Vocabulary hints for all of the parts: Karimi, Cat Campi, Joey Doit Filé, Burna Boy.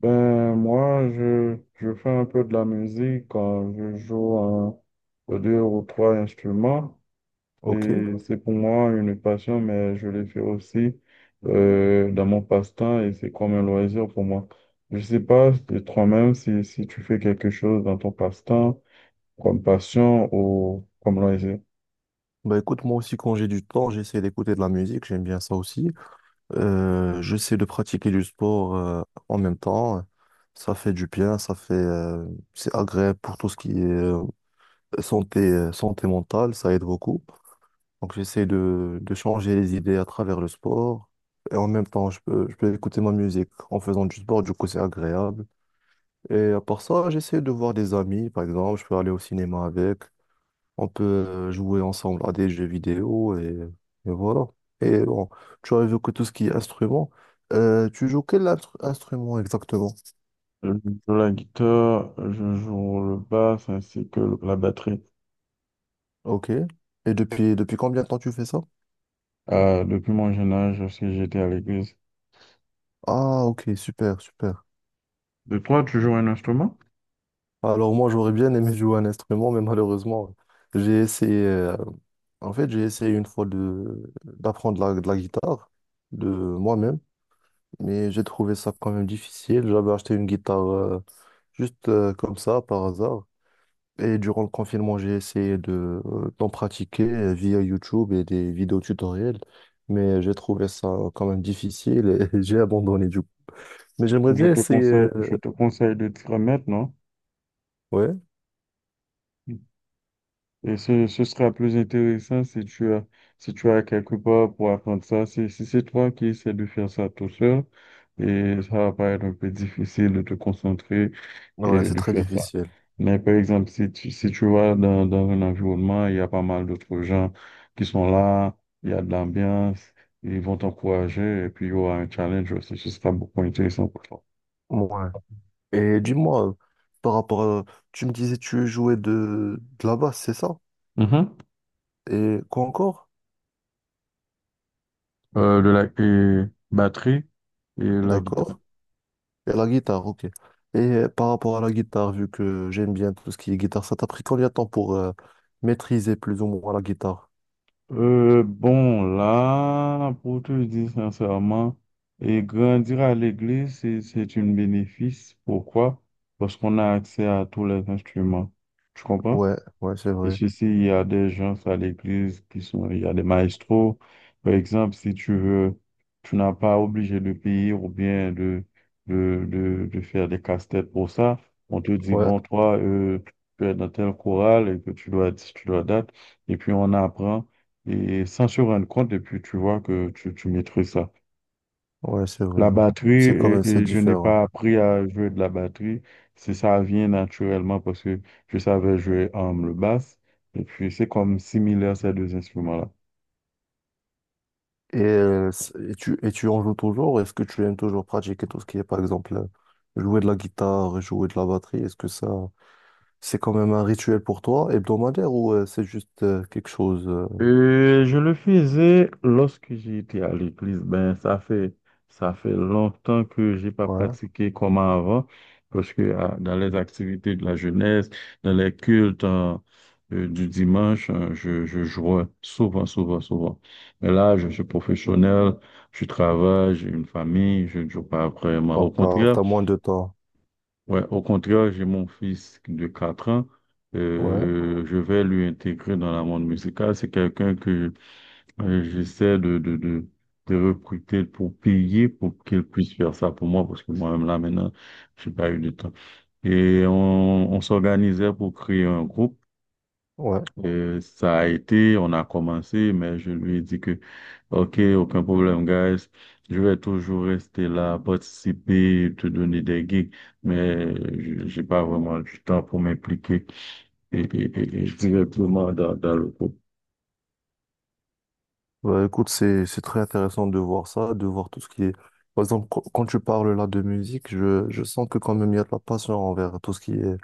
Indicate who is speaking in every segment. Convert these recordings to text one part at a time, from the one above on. Speaker 1: Ben, moi, je fais un peu de la musique quand je joue un, deux ou trois instruments. Et
Speaker 2: Ok.
Speaker 1: c'est pour moi une passion, mais je le fais aussi dans mon passe-temps et c'est comme un loisir pour moi. Je sais pas de toi-même si tu fais quelque chose dans ton passe-temps, comme passion ou comme loisir.
Speaker 2: Bah écoute, moi aussi quand j'ai du temps, j'essaie d'écouter de la musique, j'aime bien ça aussi. J'essaie de pratiquer du sport en même temps. Ça fait du bien, ça fait c'est agréable pour tout ce qui est santé, santé mentale, ça aide beaucoup. Donc j'essaie de changer les idées à travers le sport. Et en même temps, je peux écouter ma musique en faisant du sport, du coup c'est agréable. Et à part ça, j'essaie de voir des amis, par exemple, je peux aller au cinéma avec. On peut jouer ensemble à des jeux vidéo et voilà. Et bon, tu as évoqué tout ce qui est instrument. Tu joues quel instrument exactement?
Speaker 1: Je joue la guitare, je joue le basse ainsi que la batterie.
Speaker 2: Ok. Et depuis combien de temps tu fais ça?
Speaker 1: Depuis mon jeune âge, lorsque j'étais à l'église.
Speaker 2: Ah, ok, super, super.
Speaker 1: De toi, tu joues un instrument?
Speaker 2: Alors moi, j'aurais bien aimé jouer un instrument, mais malheureusement, j'ai essayé... en fait, j'ai essayé une fois de d'apprendre de la guitare de moi-même, mais j'ai trouvé ça quand même difficile. J'avais acheté une guitare juste comme ça, par hasard. Et durant le confinement, j'ai essayé de d'en pratiquer via YouTube et des vidéos tutoriels, mais j'ai trouvé ça quand même difficile et j'ai abandonné du coup. Mais j'aimerais
Speaker 1: Je
Speaker 2: bien
Speaker 1: te
Speaker 2: essayer.
Speaker 1: conseille, je
Speaker 2: euh,
Speaker 1: te conseille de t'y remettre, non?
Speaker 2: Ouais,
Speaker 1: Et ce sera plus intéressant si tu as, quelque part pour apprendre ça. Si c'est toi qui essaies de faire ça tout seul, et ça va paraître un peu difficile de te concentrer
Speaker 2: ouais,
Speaker 1: et
Speaker 2: c'est
Speaker 1: de
Speaker 2: très
Speaker 1: faire ça.
Speaker 2: difficile.
Speaker 1: Mais par exemple, si tu, vas dans un environnement, il y a pas mal d'autres gens qui sont là, il y a de l'ambiance, ils vont t'encourager et puis il y aura un challenge aussi. Ce sera beaucoup intéressant pour toi.
Speaker 2: Ouais. Et dis-moi, par rapport à... Tu me disais tu jouais de la basse, c'est ça?
Speaker 1: Mhm.
Speaker 2: Et quoi encore?
Speaker 1: Le lac et batterie et la guitare.
Speaker 2: D'accord. Et la guitare, ok. Et par rapport à la guitare, vu que j'aime bien tout ce qui est guitare, ça t'a pris combien de temps pour maîtriser plus ou moins la guitare?
Speaker 1: Bon, là, pour te dire sincèrement, et grandir à l'église, c'est un bénéfice. Pourquoi? Parce qu'on a accès à tous les instruments. Tu comprends?
Speaker 2: Ouais, ouais, c'est
Speaker 1: Et
Speaker 2: vrai.
Speaker 1: ceci il y a des gens à l'église qui sont, il y a des maestros. Par exemple, si tu veux, tu n'as pas obligé de payer ou bien de faire des casse-têtes pour ça. On te dit,
Speaker 2: Ouais,
Speaker 1: bon, toi, tu es dans tel chorale et que tu dois date. Et puis, on apprend et sans se rendre compte. Et puis, tu vois que tu maîtrises ça.
Speaker 2: ouais, c'est vrai,
Speaker 1: La
Speaker 2: là.
Speaker 1: batterie,
Speaker 2: C'est quand même,
Speaker 1: et,
Speaker 2: c'est
Speaker 1: et je n'ai
Speaker 2: différent.
Speaker 1: pas appris à jouer de la batterie. C'est ça vient naturellement parce que je savais jouer le basse. Et puis, c'est comme similaire ces deux instruments-là.
Speaker 2: Et tu en joues toujours? Est-ce que tu aimes toujours pratiquer tout ce qui est, par exemple, jouer de la guitare, jouer de la batterie? Est-ce que ça, c'est quand même un rituel pour toi, hebdomadaire, ou c'est juste quelque chose,
Speaker 1: Je le faisais lorsque j'étais à l'église. Ben, ça fait longtemps que j'ai pas
Speaker 2: ouais.
Speaker 1: pratiqué comme avant, parce que ah, dans les activités de la jeunesse, dans les cultes hein, du dimanche, hein, je jouais souvent, souvent, souvent. Mais là, je suis professionnel, je travaille, j'ai une famille, je ne joue pas vraiment. Au
Speaker 2: Donc,
Speaker 1: contraire,
Speaker 2: t'as moins de temps.
Speaker 1: ouais, au contraire, j'ai mon fils de 4 ans.
Speaker 2: Ouais,
Speaker 1: Je vais lui intégrer dans la monde musicale. C'est quelqu'un que j'essaie de recruter pour payer pour qu'ils puissent faire ça pour moi parce que moi-même là maintenant, j'ai pas eu de temps. Et on s'organisait pour créer un groupe.
Speaker 2: ouais.
Speaker 1: Ça a été, on a commencé, mais je lui ai dit que, OK, aucun problème, guys. Je vais toujours rester là, participer, te donner des gigs, mais j'ai pas vraiment du temps pour m'impliquer et directement dans, le groupe.
Speaker 2: Bah, écoute, c'est très intéressant de voir ça, de voir tout ce qui est, par exemple, quand tu parles là de musique, je sens que quand même il y a de la passion envers tout ce qui est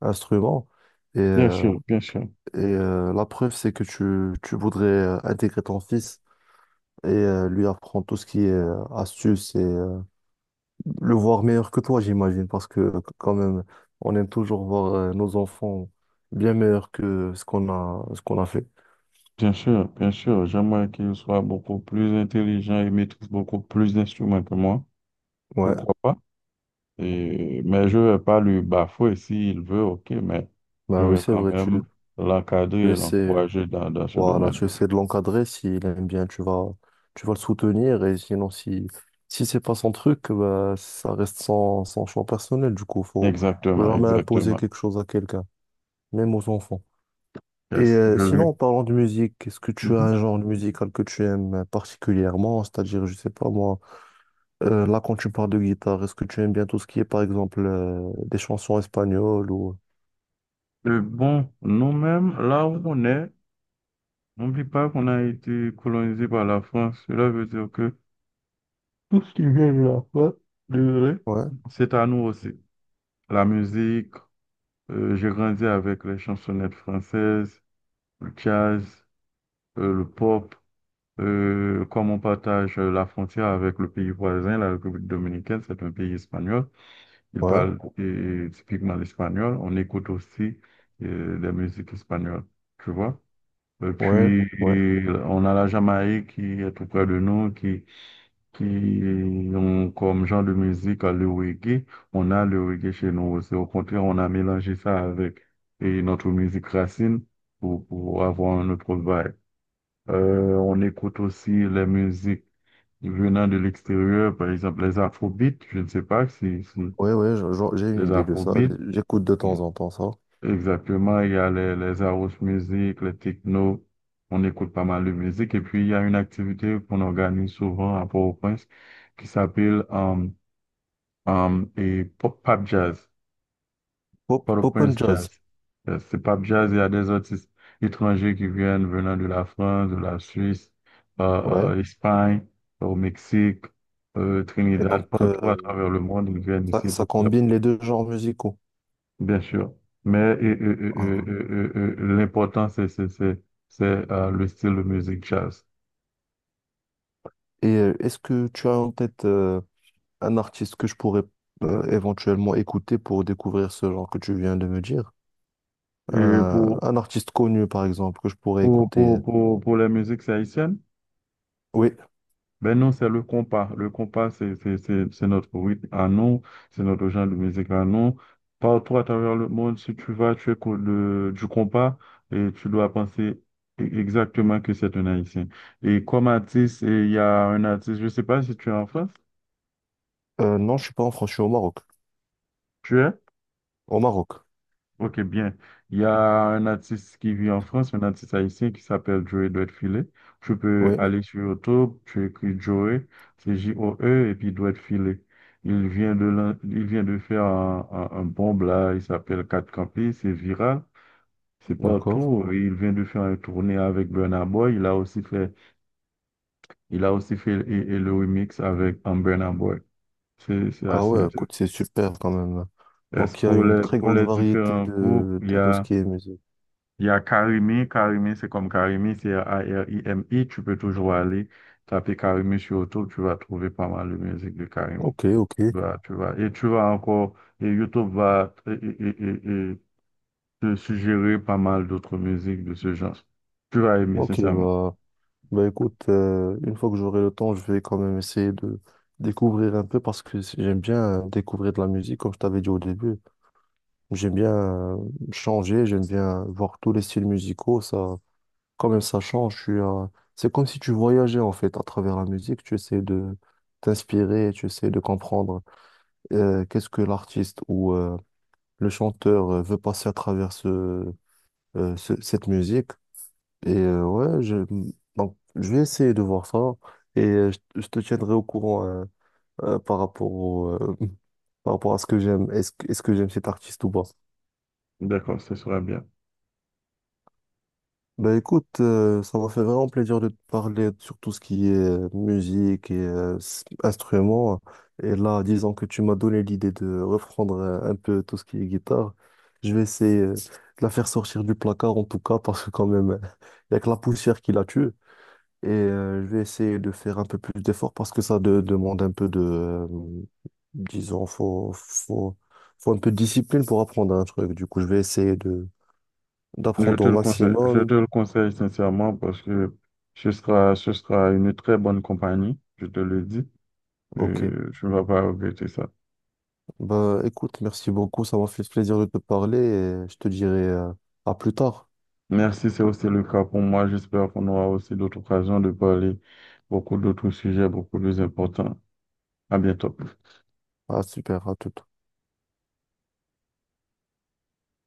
Speaker 2: instrument. Et,
Speaker 1: Bien
Speaker 2: euh,
Speaker 1: sûr, bien sûr.
Speaker 2: et la preuve, c'est que tu voudrais intégrer ton fils et lui apprendre tout ce qui est astuce et le voir meilleur que toi, j'imagine, parce que quand même, on aime toujours voir nos enfants bien meilleurs que ce qu'on a fait.
Speaker 1: Bien sûr, bien sûr, j'aimerais qu'il soit beaucoup plus intelligent et maîtrise beaucoup plus d'instruments que moi.
Speaker 2: Ouais,
Speaker 1: Pourquoi pas? Mais je vais pas lui bafouer s'il veut, ok, mais je
Speaker 2: bah oui,
Speaker 1: vais
Speaker 2: c'est
Speaker 1: quand
Speaker 2: vrai, tu,
Speaker 1: même l'encadrer
Speaker 2: tu
Speaker 1: et
Speaker 2: essaies.
Speaker 1: l'encourager dans ce
Speaker 2: Voilà,
Speaker 1: domaine.
Speaker 2: tu essaies de l'encadrer, s'il aime bien, tu vas le soutenir, et sinon, si, si c'est pas son truc, bah, ça reste son, son choix personnel, du coup, faut, faut
Speaker 1: Exactement,
Speaker 2: jamais imposer
Speaker 1: exactement.
Speaker 2: quelque chose à quelqu'un, même aux enfants. Et
Speaker 1: Yes, je lui.
Speaker 2: sinon, en parlant de musique, est-ce que tu as
Speaker 1: Mhm.
Speaker 2: un genre de musical que tu aimes particulièrement? C'est-à-dire, je sais pas moi, là, quand tu parles de guitare, est-ce que tu aimes bien tout ce qui est, par exemple, des chansons espagnoles ou...
Speaker 1: Bon, nous-mêmes, là où on est, n'oublie pas qu'on a été colonisé par la France. Cela veut dire que tout ce qui vient de la France, désolé,
Speaker 2: Ouais,
Speaker 1: c'est à nous aussi. La musique. J'ai grandi avec les chansonnettes françaises, le jazz, le pop. Comme on partage la frontière avec le pays voisin, la République dominicaine, c'est un pays espagnol. Il
Speaker 2: ouais,
Speaker 1: parle typiquement l'espagnol. On écoute aussi des musiques espagnoles, tu vois. Et
Speaker 2: ouais, ouais,
Speaker 1: puis, on a la Jamaïque qui est tout près de nous, qui ont comme genre de musique le reggae. On a le reggae chez nous aussi. Au contraire, on a mélangé ça avec et notre musique racine pour avoir un autre vibe. On écoute aussi les musiques venant de l'extérieur, par exemple les afrobeats. Je ne sais pas si
Speaker 2: ouais, ouais, j'ai une
Speaker 1: les
Speaker 2: idée de ça,
Speaker 1: afrobeats.
Speaker 2: j'écoute de temps en temps ça.
Speaker 1: Exactement, il y a les house music, les techno. On écoute pas mal de musique. Et puis, il y a une activité qu'on organise souvent à Port-au-Prince qui s'appelle et pop, pop jazz,
Speaker 2: Pop, pop and
Speaker 1: Port-au-Prince
Speaker 2: jazz,
Speaker 1: jazz. C'est pop jazz, il y a des artistes étrangers qui viennent venant de la France, de la Suisse,
Speaker 2: ouais.
Speaker 1: Espagne, au Mexique,
Speaker 2: Et
Speaker 1: Trinidad,
Speaker 2: donc,
Speaker 1: partout à travers le monde, ils viennent
Speaker 2: ça,
Speaker 1: ici
Speaker 2: ça
Speaker 1: pour faire,
Speaker 2: combine les deux genres musicaux.
Speaker 1: bien sûr. Mais
Speaker 2: Ah.
Speaker 1: l'important, c'est le style de musique jazz.
Speaker 2: Et est-ce que tu as en tête un artiste que je pourrais éventuellement écouter pour découvrir ce genre que tu viens de me dire?
Speaker 1: Et pour,
Speaker 2: Un artiste connu, par exemple, que je pourrais
Speaker 1: pour,
Speaker 2: écouter.
Speaker 1: pour, pour, pour les musiques haïtiennes,
Speaker 2: Oui.
Speaker 1: ben non, c'est le compas. Le compas, c'est notre rythme à nous, c'est notre genre de musique à nous. Partout à travers le monde, si tu vas, tu écoutes du compas et tu dois penser exactement que c'est un Haïtien. Et comme artiste, et il y a un artiste, je ne sais pas si tu es en France,
Speaker 2: Non, je suis pas en France, je suis au Maroc.
Speaker 1: tu es?
Speaker 2: Au Maroc,
Speaker 1: Ok, bien. Il y a un artiste qui vit en France, un artiste haïtien qui s'appelle Joey Doit Filé. Tu peux
Speaker 2: oui,
Speaker 1: aller sur YouTube, tu écris Joey, c'est Joe, et puis Doit Filé. Il vient de faire un bombe là, il s'appelle Cat Campi, c'est viral, c'est
Speaker 2: d'accord.
Speaker 1: partout. Et il vient de faire une tournée avec Burna Boy, il a aussi fait et le remix avec un Burna Boy. C'est
Speaker 2: Ah
Speaker 1: assez
Speaker 2: ouais,
Speaker 1: intéressant.
Speaker 2: écoute, c'est super quand même.
Speaker 1: Est-ce
Speaker 2: Donc, il y a
Speaker 1: Pour
Speaker 2: une
Speaker 1: les,
Speaker 2: très
Speaker 1: pour
Speaker 2: grande
Speaker 1: les
Speaker 2: variété
Speaker 1: différents groupes, il y
Speaker 2: de tout ce
Speaker 1: a.
Speaker 2: qui est musique.
Speaker 1: Il y a Karimi, c'est comme Karimi, c'est A-R-I-M-I. Tu peux toujours aller taper Karimi sur YouTube, tu vas trouver pas mal de musique de Karimi.
Speaker 2: Ok, ok,
Speaker 1: Bah, tu vas, et tu vas encore, et YouTube va et te suggérer pas mal d'autres musiques de ce genre. Tu vas aimer,
Speaker 2: ok,
Speaker 1: sincèrement.
Speaker 2: bah. Bah écoute, une fois que j'aurai le temps, je vais quand même essayer de découvrir un peu parce que j'aime bien découvrir de la musique, comme je t'avais dit au début. J'aime bien changer, j'aime bien voir tous les styles musicaux. Ça, quand même, ça change. Je suis, c'est comme si tu voyageais en fait à travers la musique. Tu essaies de t'inspirer, tu essaies de comprendre qu'est-ce que l'artiste ou le chanteur veut passer à travers cette musique. Ouais, je... Donc, je vais essayer de voir ça et je te tiendrai au courant par rapport par rapport à ce que j'aime. Est-ce que j'aime cet artiste ou pas?
Speaker 1: D'accord, ce sera bien.
Speaker 2: Ben écoute, ça m'a fait vraiment plaisir de te parler sur tout ce qui est musique et instruments. Et là, disons que tu m'as donné l'idée de reprendre un peu tout ce qui est guitare. Je vais essayer de la faire sortir du placard en tout cas, parce que quand même, il n'y a que la poussière qui la tue. Et je vais essayer de faire un peu plus d'efforts parce que ça demande un peu disons, faut un peu de discipline pour apprendre un truc. Du coup, je vais essayer de
Speaker 1: Je
Speaker 2: d'apprendre
Speaker 1: te
Speaker 2: au
Speaker 1: le conseille, je
Speaker 2: maximum.
Speaker 1: te le conseille sincèrement parce que ce sera une très bonne compagnie, je te le dis.
Speaker 2: Ok.
Speaker 1: Tu ne vas pas regretter ça.
Speaker 2: Bah, écoute, merci beaucoup. Ça m'a fait plaisir de te parler et je te dirai à plus tard.
Speaker 1: Merci, c'est aussi le cas pour moi. J'espère qu'on aura aussi d'autres occasions de parler beaucoup d'autres sujets beaucoup plus importants. À bientôt.
Speaker 2: Ah, super, à tout.